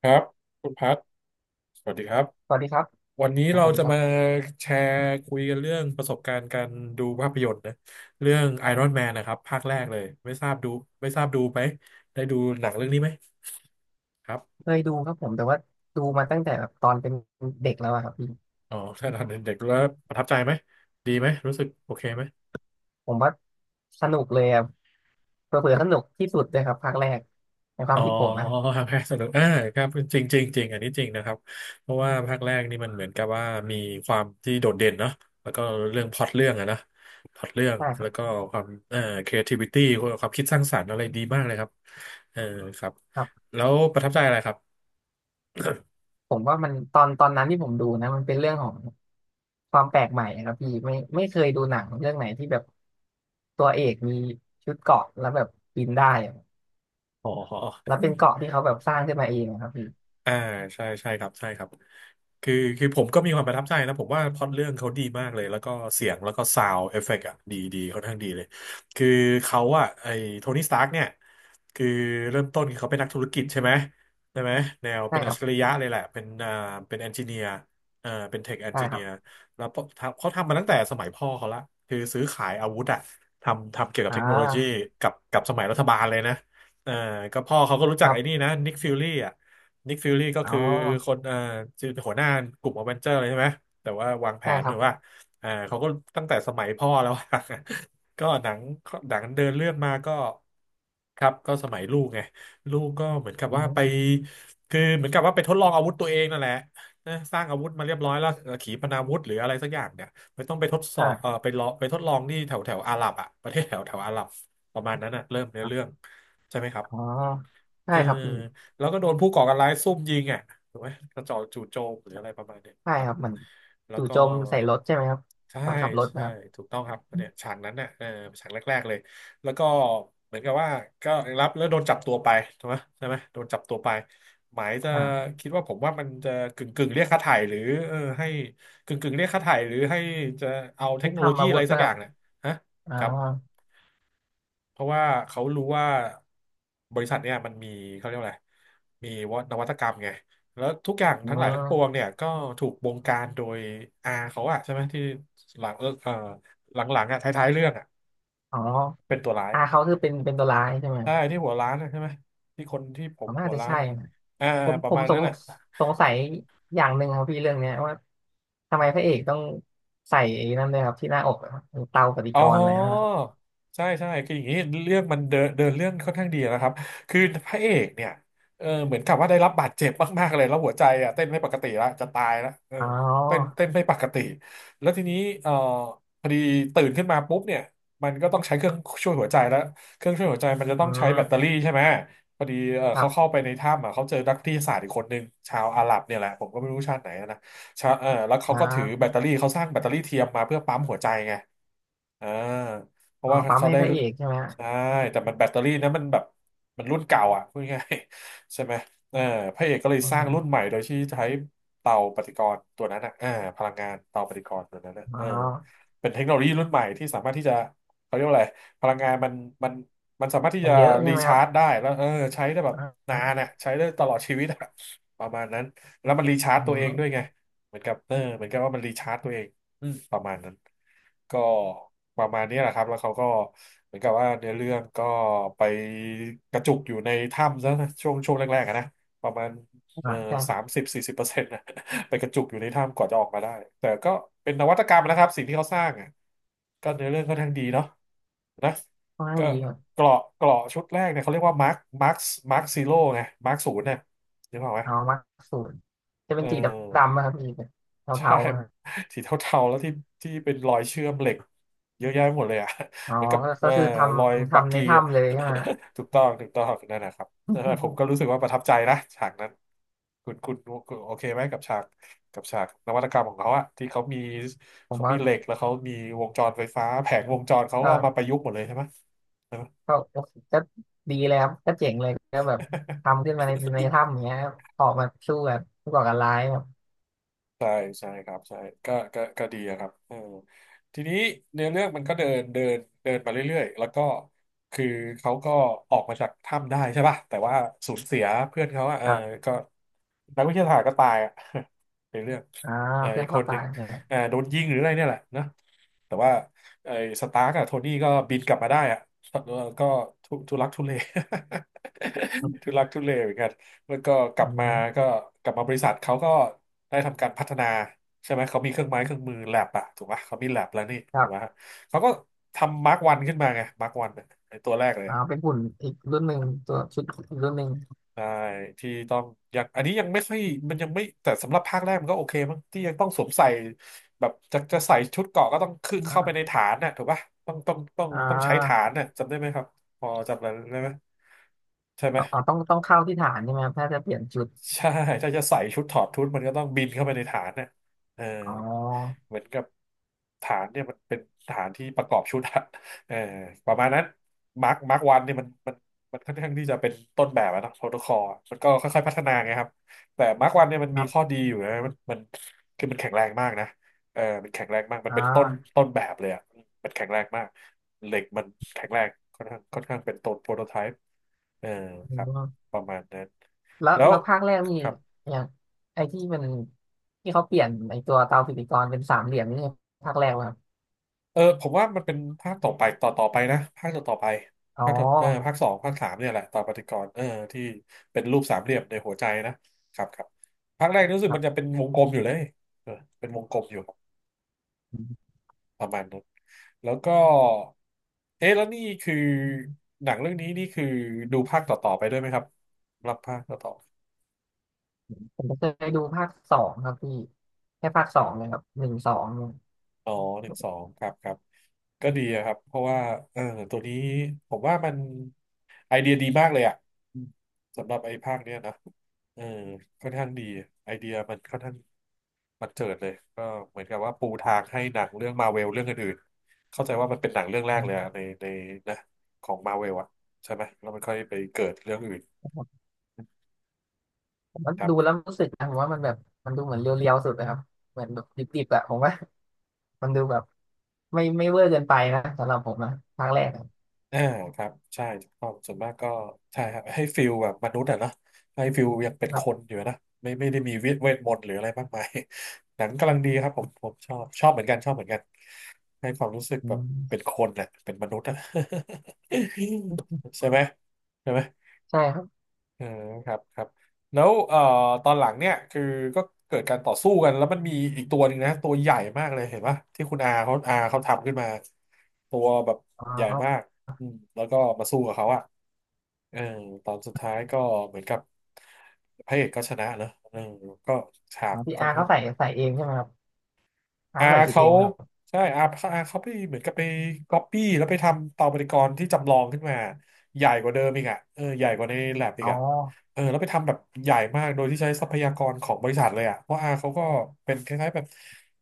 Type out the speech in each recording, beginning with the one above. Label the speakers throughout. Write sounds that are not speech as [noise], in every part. Speaker 1: ครับคุณพัทสวัสดีครับ
Speaker 2: สวัสดีครับ
Speaker 1: วันนี้
Speaker 2: อ่า
Speaker 1: เรา
Speaker 2: สวัสดี
Speaker 1: จะ
Speaker 2: ครั
Speaker 1: มา
Speaker 2: บ
Speaker 1: แชร์คุยกันเรื่องประสบการณ์การดูภาพยนตร์นะเรื่อง Iron Man นะครับภาคแรกเลยไม่ทราบดูไม่ทราบดูไหมได้ดูหนังเรื่องนี้ไหมครับ
Speaker 2: เคยดูครับผมแต่ว่าดูมาตั้งแต่แบบตอนเป็นเด็กแล้วอะครับพี่
Speaker 1: อ๋อ [laughs] ถ้าตอนเด็กๆแล้วประทับใจไหมดีไหมรู้สึกโอเคไหม
Speaker 2: ผมว่าสนุกเลยอะเผลอๆสนุกที่สุดเลยครับภาคแรกในควา
Speaker 1: อ๋
Speaker 2: ม
Speaker 1: อ
Speaker 2: คิดผมนะ
Speaker 1: ภาคแรกสนุกอ่าครับจริงจริงจริง อันนี้จริงนะครับ เพราะว่าภาคแรกนี่มันเหมือนกับว่ามีความที่โดดเด่นเนาะแล้วก็เรื่องพล็อตเรื่องอะนะพล็อตเรื่อง
Speaker 2: ใช่ค
Speaker 1: แล้
Speaker 2: รั
Speaker 1: วก็
Speaker 2: บ
Speaker 1: ความcreativity ความคิดสร้างสรรค์อะไรดีมากเลยครับเออครับ
Speaker 2: ครับ
Speaker 1: แล้วประทับใจอะไรครับ
Speaker 2: ผมว่ามันตอนนั้นที่ผมดูนะมันเป็นเรื่องของความแปลกใหม่อะครับพี่ไม่เคยดูหนังเรื่องไหนที่แบบตัวเอกมีชุดเกราะแล้วแบบบินได้อะ
Speaker 1: อ๋
Speaker 2: แล้ว
Speaker 1: อ
Speaker 2: เป็นเกราะที่เขาแบบสร้างขึ้นมาเองอะครับพี่
Speaker 1: อ่าใช่ใช่ครับใช่ครับคือผมก็มีความประทับใจนะผมว่าพล็อตเรื่องเขาดีมากเลยแล้วก็เสียงแล้วก็ซาวด์เอฟเฟกต์อ่ะดีดีค่อนข้างดีเลยคือเขาอ่ะไอ้โทนี่สตาร์กเนี่ยคือเริ่มต้นคือเขาเป็นนักธุรกิจใช่ไหมใช่ไหมแนว
Speaker 2: ใช่
Speaker 1: เป็น
Speaker 2: ค
Speaker 1: อัจ
Speaker 2: รั
Speaker 1: ฉ
Speaker 2: บ
Speaker 1: ริยะเลยแหละเป็นอ่าเป็นเอนจิเนียร์อ่าเป็นเทคเอน
Speaker 2: ใช่
Speaker 1: จิ
Speaker 2: ค
Speaker 1: เนี
Speaker 2: รั
Speaker 1: ย
Speaker 2: บ
Speaker 1: ร์แล้วพอทำเขาทำมาตั้งแต่สมัยพ่อเขาละคือซื้อขายอาวุธอ่ะทำเกี่ยวกับ
Speaker 2: อ่
Speaker 1: เทคโนโลยี
Speaker 2: า
Speaker 1: กับสมัยรัฐบาลเลยนะเอ่อก็พ่อเขาก็รู้
Speaker 2: ค
Speaker 1: จัก
Speaker 2: รั
Speaker 1: ไอ้
Speaker 2: บ
Speaker 1: นี่นะนิกฟิลลี่ นิกฟิลลี่ก็
Speaker 2: อ๋อ
Speaker 1: คือคนคือหัวหน้ากลุ่มอเวนเจอร์เลยใช่ไหมแต่ว่าวางแผ
Speaker 2: ใช่
Speaker 1: น
Speaker 2: ครั
Speaker 1: ถื
Speaker 2: บ
Speaker 1: อว่าอ่าเขาก็ตั้งแต่สมัยพ่อแล้วอะ [laughs] ก็หนังหนังเดินเรื่องมาก็ครับก็สมัยลูกไงลูกก็เหมือนกับ
Speaker 2: อื
Speaker 1: ว่าไป
Speaker 2: ม
Speaker 1: คือเหมือนกับว่าไปทดลองอาวุธตัวเองนั่นแหละนะสร้างอาวุธมาเรียบร้อยแล้วขีปนาวุธหรืออะไรสักอย่างเนี่ยไม่ต้องไปทดสอบเออ
Speaker 2: อ่า
Speaker 1: ไปลองไปทดลองที่แถวแถวอาหรับอ่ะประเทศแถวแถวอาหรับประมาณนั้นอ่ะเริ่มเนื้อเรื่องใช่ไหมครับ
Speaker 2: อ๋อใช่
Speaker 1: เออ
Speaker 2: ครับพี่
Speaker 1: แล้วก็โดนผู้ก่อการร้ายซุ่มยิงอ่ะถูกไหมกระจอกจู่โจมหรืออะไรประมาณเนี้ย
Speaker 2: ใช่
Speaker 1: ครั
Speaker 2: ค
Speaker 1: บ
Speaker 2: รับเหมือน
Speaker 1: แล้ว
Speaker 2: จู่
Speaker 1: ก็
Speaker 2: โจมใส่รถใช่ไหมครับ
Speaker 1: ใช่
Speaker 2: ตอนขับรถ
Speaker 1: ใช่
Speaker 2: นะครับ
Speaker 1: ถูกต้องครับเนี่ยฉากนั้นน่ะเออฉากแรกๆเลยแล้วก็เหมือนกับว่าก็รับแล้วโดนจับตัวไปถูกไหมใช่ไหมโดนจับตัวไปหมายจะ
Speaker 2: อ่า
Speaker 1: คิดว่าผมว่ามันจะกึ่งกึ่งเรียกค่าไถ่หรือเออให้กึ่งกึ่งเรียกค่าไถ่หรือให้จะเอาเท
Speaker 2: ไม่
Speaker 1: คโนโล
Speaker 2: ทำ
Speaker 1: ยี
Speaker 2: อา
Speaker 1: อะ
Speaker 2: วุ
Speaker 1: ไร
Speaker 2: ธ
Speaker 1: สั
Speaker 2: นะ
Speaker 1: ก
Speaker 2: ค
Speaker 1: อ
Speaker 2: รั
Speaker 1: ย่า
Speaker 2: บ
Speaker 1: งเนี่ยฮะ
Speaker 2: อ๋อ
Speaker 1: ครับ เพราะว่าเขารู้ว่าบริษัทเนี่ยมันมีเขาเรียกว่าอะไรมีว่นวัตกรรมไงแล้วทุกอย่าง
Speaker 2: อื
Speaker 1: ทั้งหลายทั้งปวง
Speaker 2: ม
Speaker 1: เนี่ยก็ถูกบงการโดยอาเขาอะใช่ไหมที่หลังหลังๆอะท้ายๆเรื่องอะ
Speaker 2: อ๋อ
Speaker 1: เป็นตัวร้าย
Speaker 2: อาเขาคือเป็นตัวร้ายใช่ไหม
Speaker 1: ใช่ที่หัวร้านอะใช่ไหมที่คนที่ผ
Speaker 2: ผ
Speaker 1: ม
Speaker 2: ม
Speaker 1: หั
Speaker 2: น่า
Speaker 1: ว
Speaker 2: จะ
Speaker 1: ร้าน
Speaker 2: ใช่
Speaker 1: อะ
Speaker 2: นะ
Speaker 1: อ่า
Speaker 2: ผม
Speaker 1: ป
Speaker 2: ผ
Speaker 1: ระ
Speaker 2: ม
Speaker 1: มาณ
Speaker 2: ส
Speaker 1: นั้
Speaker 2: ง
Speaker 1: นอะ
Speaker 2: สงสัยอย่างหนึ่งครับพี่เรื่องเนี้ยว่าทำไมพระเอกต้องใส่ไอ้นั่นด้วยครับที่หน้าอกอะครับเตาปฏิ
Speaker 1: อ๋
Speaker 2: ก
Speaker 1: อ
Speaker 2: รณ์อะไรนนนะครับ
Speaker 1: ใช่ใช่คืออย่างนี้เรื่องมันเดินเดินเรื่องค่อนข้างดีนะครับคือพระเอกเนี่ยเออเหมือนกับว่าได้รับบาดเจ็บมากๆเลยแล้วหัวใจอ่ะเต้นไม่ปกติแล้วจะตายแล้วเออ
Speaker 2: อ๋
Speaker 1: เต้น
Speaker 2: อ
Speaker 1: เต้นไม่ปกติแล้วทีนี้เออพอดีตื่นขึ้นมาปุ๊บเนี่ยมันก็ต้องใช้เครื่องช่วยหัวใจแล้วเครื่องช่วยหัวใจมันจะต้
Speaker 2: อื
Speaker 1: องใช้แบตเตอ
Speaker 2: ม
Speaker 1: รี่ใช่ไหมพอดีเออ
Speaker 2: ครั
Speaker 1: เขา
Speaker 2: บ
Speaker 1: เข้าไปในถ้ำอ่ะเขาเจอนักวิทยาศาสตร์อีกคนนึงชาวอาหรับเนี่ยแหละผมก็ไม่รู้ชาติไหนนะ ชาแล้วเขา
Speaker 2: อ๋อ
Speaker 1: ก็ถือแบตเตอรี่เขาสร้างแบตเตอรี่เทียมมาเพื่อปั๊มหัวใจไงอ่าเพราะ
Speaker 2: อ๋อ
Speaker 1: ว่า
Speaker 2: ปั๊ม
Speaker 1: เขา
Speaker 2: ให้
Speaker 1: ได้
Speaker 2: พระเอกใช่ไหมฮะ
Speaker 1: ใช่แต่มันแบตเตอรี่นะมันแบบมันรุ่นเก่าอ่ะพูดง่ายๆใช่ไหมเออพระเอกก็เลย
Speaker 2: อื
Speaker 1: สร้าง
Speaker 2: ม
Speaker 1: รุ่นใหม่โดยที่ใช้เตาปฏิกรณ์ตัวนั้นอ่ะเออพลังงานเตาปฏิกรณ์ตัวนั้นนะ
Speaker 2: อ๋
Speaker 1: เอ
Speaker 2: อ
Speaker 1: อเป็นเทคโนโลยีรุ่นใหม่ที่สามารถที่จะเขาเรียกว่าอะไรพลังงานมันมันสามารถที่
Speaker 2: มั
Speaker 1: จะ
Speaker 2: นเยอะใช่
Speaker 1: รี
Speaker 2: ไหมค
Speaker 1: ชา
Speaker 2: รับ
Speaker 1: ร์จได้แล้วเออใช้ได้แบบ
Speaker 2: อ่า
Speaker 1: นา
Speaker 2: อ่า
Speaker 1: นอ่ะใช้ได้ตลอดชีวิตอะประมาณนั้นแล้วมันรีชาร์จ
Speaker 2: อื
Speaker 1: ตัวเองด้วย
Speaker 2: ม
Speaker 1: ไง เหมือนกับเออเหมือนกับว่ามันรีชาร์จตัวเองอืมประมาณนั้นก็ประมาณนี้แหละครับแล้วเขาก็เหมือนกับว่าเนื้อเรื่องก็ไปกระจุกอยู่ในถ้ำซะนะช่วงช่วงแรกๆอะนะประมาณ
Speaker 2: อ่า
Speaker 1: เอ่อ
Speaker 2: ใช่ค
Speaker 1: สา
Speaker 2: รับ
Speaker 1: มสิบสี่สิบเปอร์เซ็นต์นะ [laughs] ไปกระจุกอยู่ในถ้ำก่อนจะออกมาได้แต่ก็เป็นนวัตกรรมนะครับสิ่งที่เขาสร้างอ่ะก็เนื้อเรื่องค่อนข้างดีเนาะนะ
Speaker 2: ค่อนข้าง
Speaker 1: ก็
Speaker 2: ดีครับ
Speaker 1: เกราะชุดแรกเนี่ยเขาเรียกว่ามาร์คมาร์คซีโร่ไงมาร์คศูนย์เนี่ยนึกออกไหม
Speaker 2: เอามาสูตรจะ
Speaker 1: เ
Speaker 2: เป็นสีดำ
Speaker 1: ออ
Speaker 2: ๆนะครับพี่
Speaker 1: ใช่
Speaker 2: เทาๆอะครับ
Speaker 1: [laughs] สีเทาๆแล้วที่เป็นรอยเชื่อมเหล็กเยอะแยะหมดเลยอ่ะ
Speaker 2: อ๋
Speaker 1: [laughs]
Speaker 2: อ
Speaker 1: เหมือนกับ
Speaker 2: ก็คือท
Speaker 1: รอย
Speaker 2: ำ
Speaker 1: บัก
Speaker 2: ทำใน
Speaker 1: กี้อ่ะ
Speaker 2: ถ้ำเลยใช่ไหม
Speaker 1: [laughs] ถูกต้องนั่นนะครับเออผมก็รู้สึ
Speaker 2: [laughs]
Speaker 1: กว่าประทับใจนะฉากนั้นคุณคุณคุณโอเคไหมกับฉากนวัตกรรมของเขาอะที่เขามี
Speaker 2: ผม
Speaker 1: เขา
Speaker 2: ว่า
Speaker 1: มีเหล็กแล้วเขามีวงจรไฟฟ้าแผงวงจรเขาก็
Speaker 2: ก็
Speaker 1: เอามาประยุกต์หมดเลยใช่ไหม
Speaker 2: ก็โอเคก็ดีเลยครับก็เจ๋งเลยก็แบบ
Speaker 1: [laughs]
Speaker 2: ทำขึ้นมาในถ้ำอย่างเงี้ยครับออกมาสู้แบบผู้ก่อการร้ายครับ
Speaker 1: ใช่ใช่ครับใช่ก็ดีอะครับเออทีนี้เนื้อเรื่องมันก็เดินเดินเดินมาเรื่อยๆแล้วก็คือเขาก็ออกมาจากถ้ำได้ใช่ป่ะแต่ว่าสูญเสียเพื่อนเขาอะเอ
Speaker 2: ค
Speaker 1: อ
Speaker 2: รับ
Speaker 1: ก็นักวิทยาศาสตร์ก็ตายอะ [laughs] ในเรื่อง
Speaker 2: อ่า
Speaker 1: เออ
Speaker 2: เพื่อ
Speaker 1: อี
Speaker 2: น
Speaker 1: กค
Speaker 2: เขา
Speaker 1: นห
Speaker 2: ตา
Speaker 1: นึ่ง
Speaker 2: ยใช่ไหม
Speaker 1: เออโดนยิงหรืออะไรเนี่ยแหละนะแต่ว่าไอ้สตาร์กอะโทนี่ก็บินกลับมาได้อะแล้วก็ทุลักทุเล [laughs] ทุลักทุเลเหมือนกัน แล้วก็ก
Speaker 2: อื
Speaker 1: ลับมาก็
Speaker 2: ม
Speaker 1: กลับมาบริษัทเขาก็ได้ทำการพัฒนาใช่ไหมเขามีเครื่องไม้เครื่องมือแลบอะถูกปะเขามีแลบแล้วนี่
Speaker 2: ค
Speaker 1: ถู
Speaker 2: รั
Speaker 1: กปะ
Speaker 2: บ
Speaker 1: เขาก็ทำมาร์กวันขึ้นมาไงมาร์กวันไอตัวแรกเลย
Speaker 2: อ่า
Speaker 1: อะ
Speaker 2: เป็นหุ่นอีกรุ่นหนึ่งตัวชุดอีกรุ่นหนึ่ง
Speaker 1: ใช่ที่ต้องยังอันนี้ยังไม่ค่อยมันยังไม่แต่สำหรับภาคแรกมันก็โอเคมั้งที่ยังต้องสวมใส่แบบจะใส่ชุดเกราะก็ต้องคือเข้าไปใน
Speaker 2: อ่า
Speaker 1: ฐานน่ะถูกปะต้องต้องต้อง
Speaker 2: อ่
Speaker 1: ต้องใช้ฐา
Speaker 2: า
Speaker 1: นน่ะจำได้ไหมครับพอจำได้ไหมใช่ไหม
Speaker 2: อ๋อต้องเข้าที่ฐานใช่ไหมครับถ้าจะเปลี่ยนชุด
Speaker 1: ใช่ถ้าจะใส่ชุดถอดชุดมันก็ต้องบินเข้าไปในฐานเนี่ยเออ
Speaker 2: อ๋อ
Speaker 1: เหมือนกับฐานเนี่ยมันเป็นฐานที่ประกอบชุดอะเออประมาณนั้นมาร์ควันเนี่ยมันมันค่อนข้างที่จะเป็นต้นแบบอะเนอะโปรโตคอลมันก็ค่อยๆพัฒนาไงครับแต่มาร์ควันเนี่ยมัน
Speaker 2: ค
Speaker 1: มี
Speaker 2: รั
Speaker 1: ข้อ
Speaker 2: บ
Speaker 1: ดีอยู่นะมันคือมันแข็งแรงมากนะเออมันแข็งแรงมากมัน
Speaker 2: อ่
Speaker 1: เป็น
Speaker 2: า
Speaker 1: ต้นแบบเลยอะมันแข็งแรงมากเหล็กมันแข็งแรงค่อนข้างเป็นต้นโปรโตไทป์เออ
Speaker 2: อื
Speaker 1: ค
Speaker 2: ม
Speaker 1: รับ
Speaker 2: แล้ว
Speaker 1: ประมาณนั้น
Speaker 2: แล้
Speaker 1: แล้ว
Speaker 2: วภาคแรกนี่อ
Speaker 1: ครับ
Speaker 2: ย่างไอ้ที่มันที่เขาเปลี่ยนไอ้ตัวเตาปฏิกรณ์เป็นสามเหลี่ยมนี่ภาคแรกป่ะครับ
Speaker 1: เออผมว่ามันเป็นภาคต่อไปต่อไปนะภาคต่อไป
Speaker 2: อ๋อ
Speaker 1: ภาคต่อเออภาคสองภาคสามเนี่ยแหละต่อปฏิกรณ์เออที่เป็นรูปสามเหลี่ยมในหัวใจนะครับภาคแรกรู้สึก
Speaker 2: ครั
Speaker 1: มันจะ
Speaker 2: บ
Speaker 1: เป็นวงกลมอยู่เลยเออเป็นวงกลมอยู่
Speaker 2: อืม
Speaker 1: ประมาณนั้นแล้วก็เอ๊ะแล้วนี่คือหนังเรื่องนี้นี่คือดูภาคต่อไปด้วยไหมครับรับภาคต่อ
Speaker 2: ผมก็เคยดูภาคสองครับพี่แค่ภาคสองเลยครับหนึ่งสองเนี่ย
Speaker 1: อ๋อหนึ่งสองครับก็ดีอะครับเพราะว่าเออตัวนี้ผมว่ามันไอเดียดีมากเลยอ่ะอืมสำหรับไอ้ภาคเนี้ยนะเออค่อนข้างดีไอเดียมันค่อนข้างมันเจิดเลยก็เหมือนกับว่าปูทางให้หนังเรื่องมาเวลเรื่องอื่นๆเข้าใจว่ามันเป็นหนังเรื่องแร
Speaker 2: อื
Speaker 1: กเลยอะ
Speaker 2: ม
Speaker 1: ในนะของมาเวลอะใช่ไหมแล้วมันค่อยไปเกิดเรื่องอื่น
Speaker 2: ผมว่า
Speaker 1: ครั
Speaker 2: ดูแล้
Speaker 1: บ
Speaker 2: วรู้สึกนะผมว่ามันแบบมันดูเหมือนเรียวๆสุดนยครับเหมือนแบบดิบๆอะผมว่ามันดูแบบไม่เวอร์เกินไปนะสำหรับผมนะภาคแรกอะ
Speaker 1: อ่าครับใช่ถูกต้องส่วนมากก็ใช่ครับให้ฟิลแบบมนุษย์อะเนาะให้ฟิลยังเป็น
Speaker 2: ค
Speaker 1: ค
Speaker 2: รั
Speaker 1: น
Speaker 2: บ
Speaker 1: อยู่นะไม่ได้มีเวทมนต์หรืออะไรมากมาย [laughs] หนังกำลังดีครับผมชอบชอบเหมือนกันชอบเหมือนกันให้ความรู้สึก
Speaker 2: อื
Speaker 1: แบบเป็น
Speaker 2: ม
Speaker 1: คนน่ะเป็นมนุษย์อะ [laughs] ใช่ไหมใช่ไหม
Speaker 2: ใช่ครับ
Speaker 1: อืมครับแล้วเอ่อตอนหลังเนี่ยคือก็เกิดการต่อสู้กันแล้วมันมีอีกตัวหนึ่งนะตัวใหญ่มากเลยเห็นปะที่คุณอาเขาทำขึ้นมาตัวแบบ
Speaker 2: อ๋อ
Speaker 1: ใหญ่มากอืมแล้วก็มาสู้กับเขาอะเออตอนสุดท้ายก็เหมือนกับพระเอกก็ชนะเนอะเออก็ฉา
Speaker 2: อ๋
Speaker 1: ก
Speaker 2: อพี่
Speaker 1: ค่อ
Speaker 2: อา
Speaker 1: น
Speaker 2: ร์
Speaker 1: ข้า
Speaker 2: เขา
Speaker 1: ง
Speaker 2: ใส่เองใช่ไหมครับอา
Speaker 1: อา
Speaker 2: ร์เขาใส่ชุดเอ
Speaker 1: เขา
Speaker 2: งไหมครับ
Speaker 1: ใช่อาเขาไปเหมือนกับไปก๊อปปี้แล้วไปทำเตาปฏิกรณ์ที่จำลองขึ้นมาใหญ่กว่าเดิมอีกอ่ะเออใหญ่กว่าในแลบอีก
Speaker 2: อ๋อ
Speaker 1: อ่ะเออแล้วไปทำแบบใหญ่มากโดยที่ใช้ทรัพยากรของบริษัทเลยอ่ะเพราะอาเขาก็เป็นคล้ายๆแบบ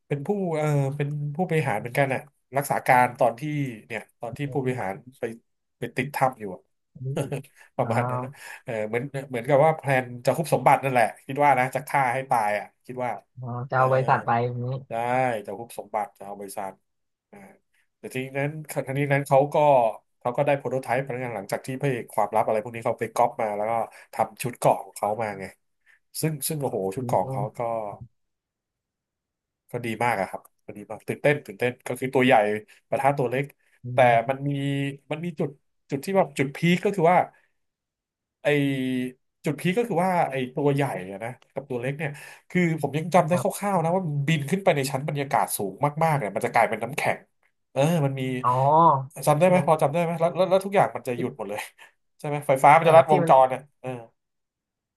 Speaker 1: เป็นผู้เออเป็นผู้บริหารเหมือนกันอ่ะรักษาการตอนที่เนี่ยตอนที่ผู้บริหารไปไปติดถ้ำอยู่อะ
Speaker 2: อันนี้
Speaker 1: [laughs] ประ
Speaker 2: อ๋อ
Speaker 1: มาณนั้นนะเออเหมือนกับว่าแพลนจะคุบสมบัตินั่นแหละคิดว่านะจะฆ่าให้ตายอ่ะคิดว่า
Speaker 2: อ๋อจะ
Speaker 1: อ่า
Speaker 2: เอาบริษัทไปอย่างนี้
Speaker 1: ได้จะฮุบสมบัติจะเอาบริษัทอ่าแต่ทีนี้นั้นเขาก็ได้โปรโตไทป์พนักงานหลังจากที่พระเอกความลับอะไรพวกนี้เขาไปก๊อปมาแล้วก็ทำชุดเกราะของเขามาไงซึ่งโอ้โหชุ
Speaker 2: อื
Speaker 1: ดเกราะของเขาก็
Speaker 2: ม
Speaker 1: ก็ดีมากอะครับก็ดีมากตื่นเต้นก็คือตัวใหญ่ปะทะตัวเล็ก
Speaker 2: อื
Speaker 1: แต่
Speaker 2: ม
Speaker 1: มันมีมันมีจุดที่แบบจุดพีคก็คือว่า ไอจุดพีคก็คือว่าไอตัวใหญ่อะนะกับตัวเล็กเนี่ยคือผมยังจำ
Speaker 2: ค
Speaker 1: ได้
Speaker 2: รั
Speaker 1: ค
Speaker 2: บ
Speaker 1: ร่าวๆนะว่ามันบินขึ้นไปในชั้นบรรยากาศสูงมากๆเนี่ยมันจะกลายเป็นน้ำแข็งเออมันมี
Speaker 2: อ๋อ
Speaker 1: จำได้
Speaker 2: ที่
Speaker 1: ไหม
Speaker 2: มัน
Speaker 1: พอจำได้ไหมแล้วทุกอย่างมันจะหยุดหม
Speaker 2: ที่
Speaker 1: ดเลยใช่ไหมไฟฟ้ามัน
Speaker 2: ใช่
Speaker 1: จะ
Speaker 2: ค
Speaker 1: ลั
Speaker 2: รั
Speaker 1: ด
Speaker 2: บ
Speaker 1: ว
Speaker 2: ที่
Speaker 1: ง
Speaker 2: มั
Speaker 1: จ
Speaker 2: น
Speaker 1: รเนี่ยเออ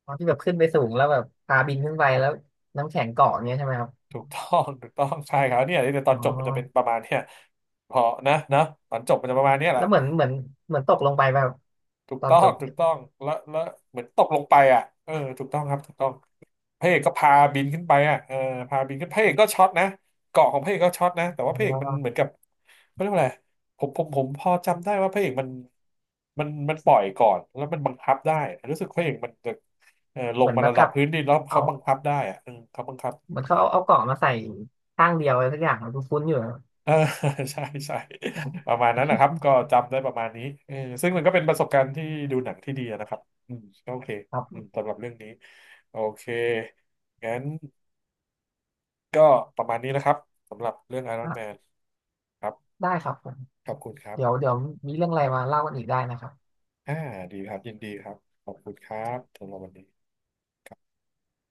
Speaker 2: อ๋อที่แบบขึ้นไปสูงแล้วแบบพาบินขึ้นไปแล้วน้ำแข็งเกาะอย่างเงี้ยใช่ไหมครับ
Speaker 1: ถูกต้องใช่ครับเนี่ยในตอ
Speaker 2: อ๋
Speaker 1: น
Speaker 2: อ
Speaker 1: จบมันจะเป็นประมาณเนี่ยพอนะนะตอนจบมันจะประมาณเนี้ยแห
Speaker 2: แล้
Speaker 1: ละ
Speaker 2: วเหมือนเหมือนเหมือนตกลงไปแบบ
Speaker 1: ถูก
Speaker 2: ตอน
Speaker 1: ต้อ
Speaker 2: จ
Speaker 1: ง
Speaker 2: บ
Speaker 1: ถูก
Speaker 2: เนี่ย
Speaker 1: ต้องแล้วเหมือนตกลงไปอ่ะเออถูกต้องครับถูกต้อง พระเอกก็พาบินขึ้นไปอ่ะเออพาบินขึ้นพระเอกก็ช็อตนะเกาะของพระเอกก็ช็อตนะแต่ว่าพระ
Speaker 2: อ๋
Speaker 1: เอ
Speaker 2: อ
Speaker 1: กมันเหมือนกับเขาเรียกว่าอะไรผมพอจำได้ว่าพระเอกมันมันปล่อยก่อนแล้วมันบังคับได้รู้สึกพระเอกมันจะเออล
Speaker 2: เห
Speaker 1: ง
Speaker 2: มือน
Speaker 1: มา
Speaker 2: บัง
Speaker 1: ระดั
Speaker 2: คั
Speaker 1: บ
Speaker 2: บ
Speaker 1: พื้นดินแล้ว
Speaker 2: เอา
Speaker 1: เขาบังคับได้อ่ะเออเขาบังคับ
Speaker 2: เหมือนเขาเอาเอาเกาะมาใส่ข้างเดียวอะไรสักอย่างคุ้นๆอยู่นะครับ
Speaker 1: เออ [laughs] ใช่ใช่ประมาณนั้นนะครับก็จำได้ประมาณนี้เออซึ่งมันก็เป็นประสบการณ์ที่ดูหนังที่ดีนะครับอืมก็โอเค
Speaker 2: ครั
Speaker 1: อืม
Speaker 2: บ
Speaker 1: สำหรับเรื่องนี้โอเคงั้น ก็ประมาณนี้นะครับสำหรับเรื่อง Iron
Speaker 2: อ่ะ
Speaker 1: Man ครับ
Speaker 2: ได้ครับ
Speaker 1: ขอบคุณครับ
Speaker 2: เดี๋ยวเดี๋ยวมีเรื่องอะไรมาเล่ากันอีกได้นะครับ
Speaker 1: อ่าดีครับยินดีครับขอบคุณครับสำหรับวันนี้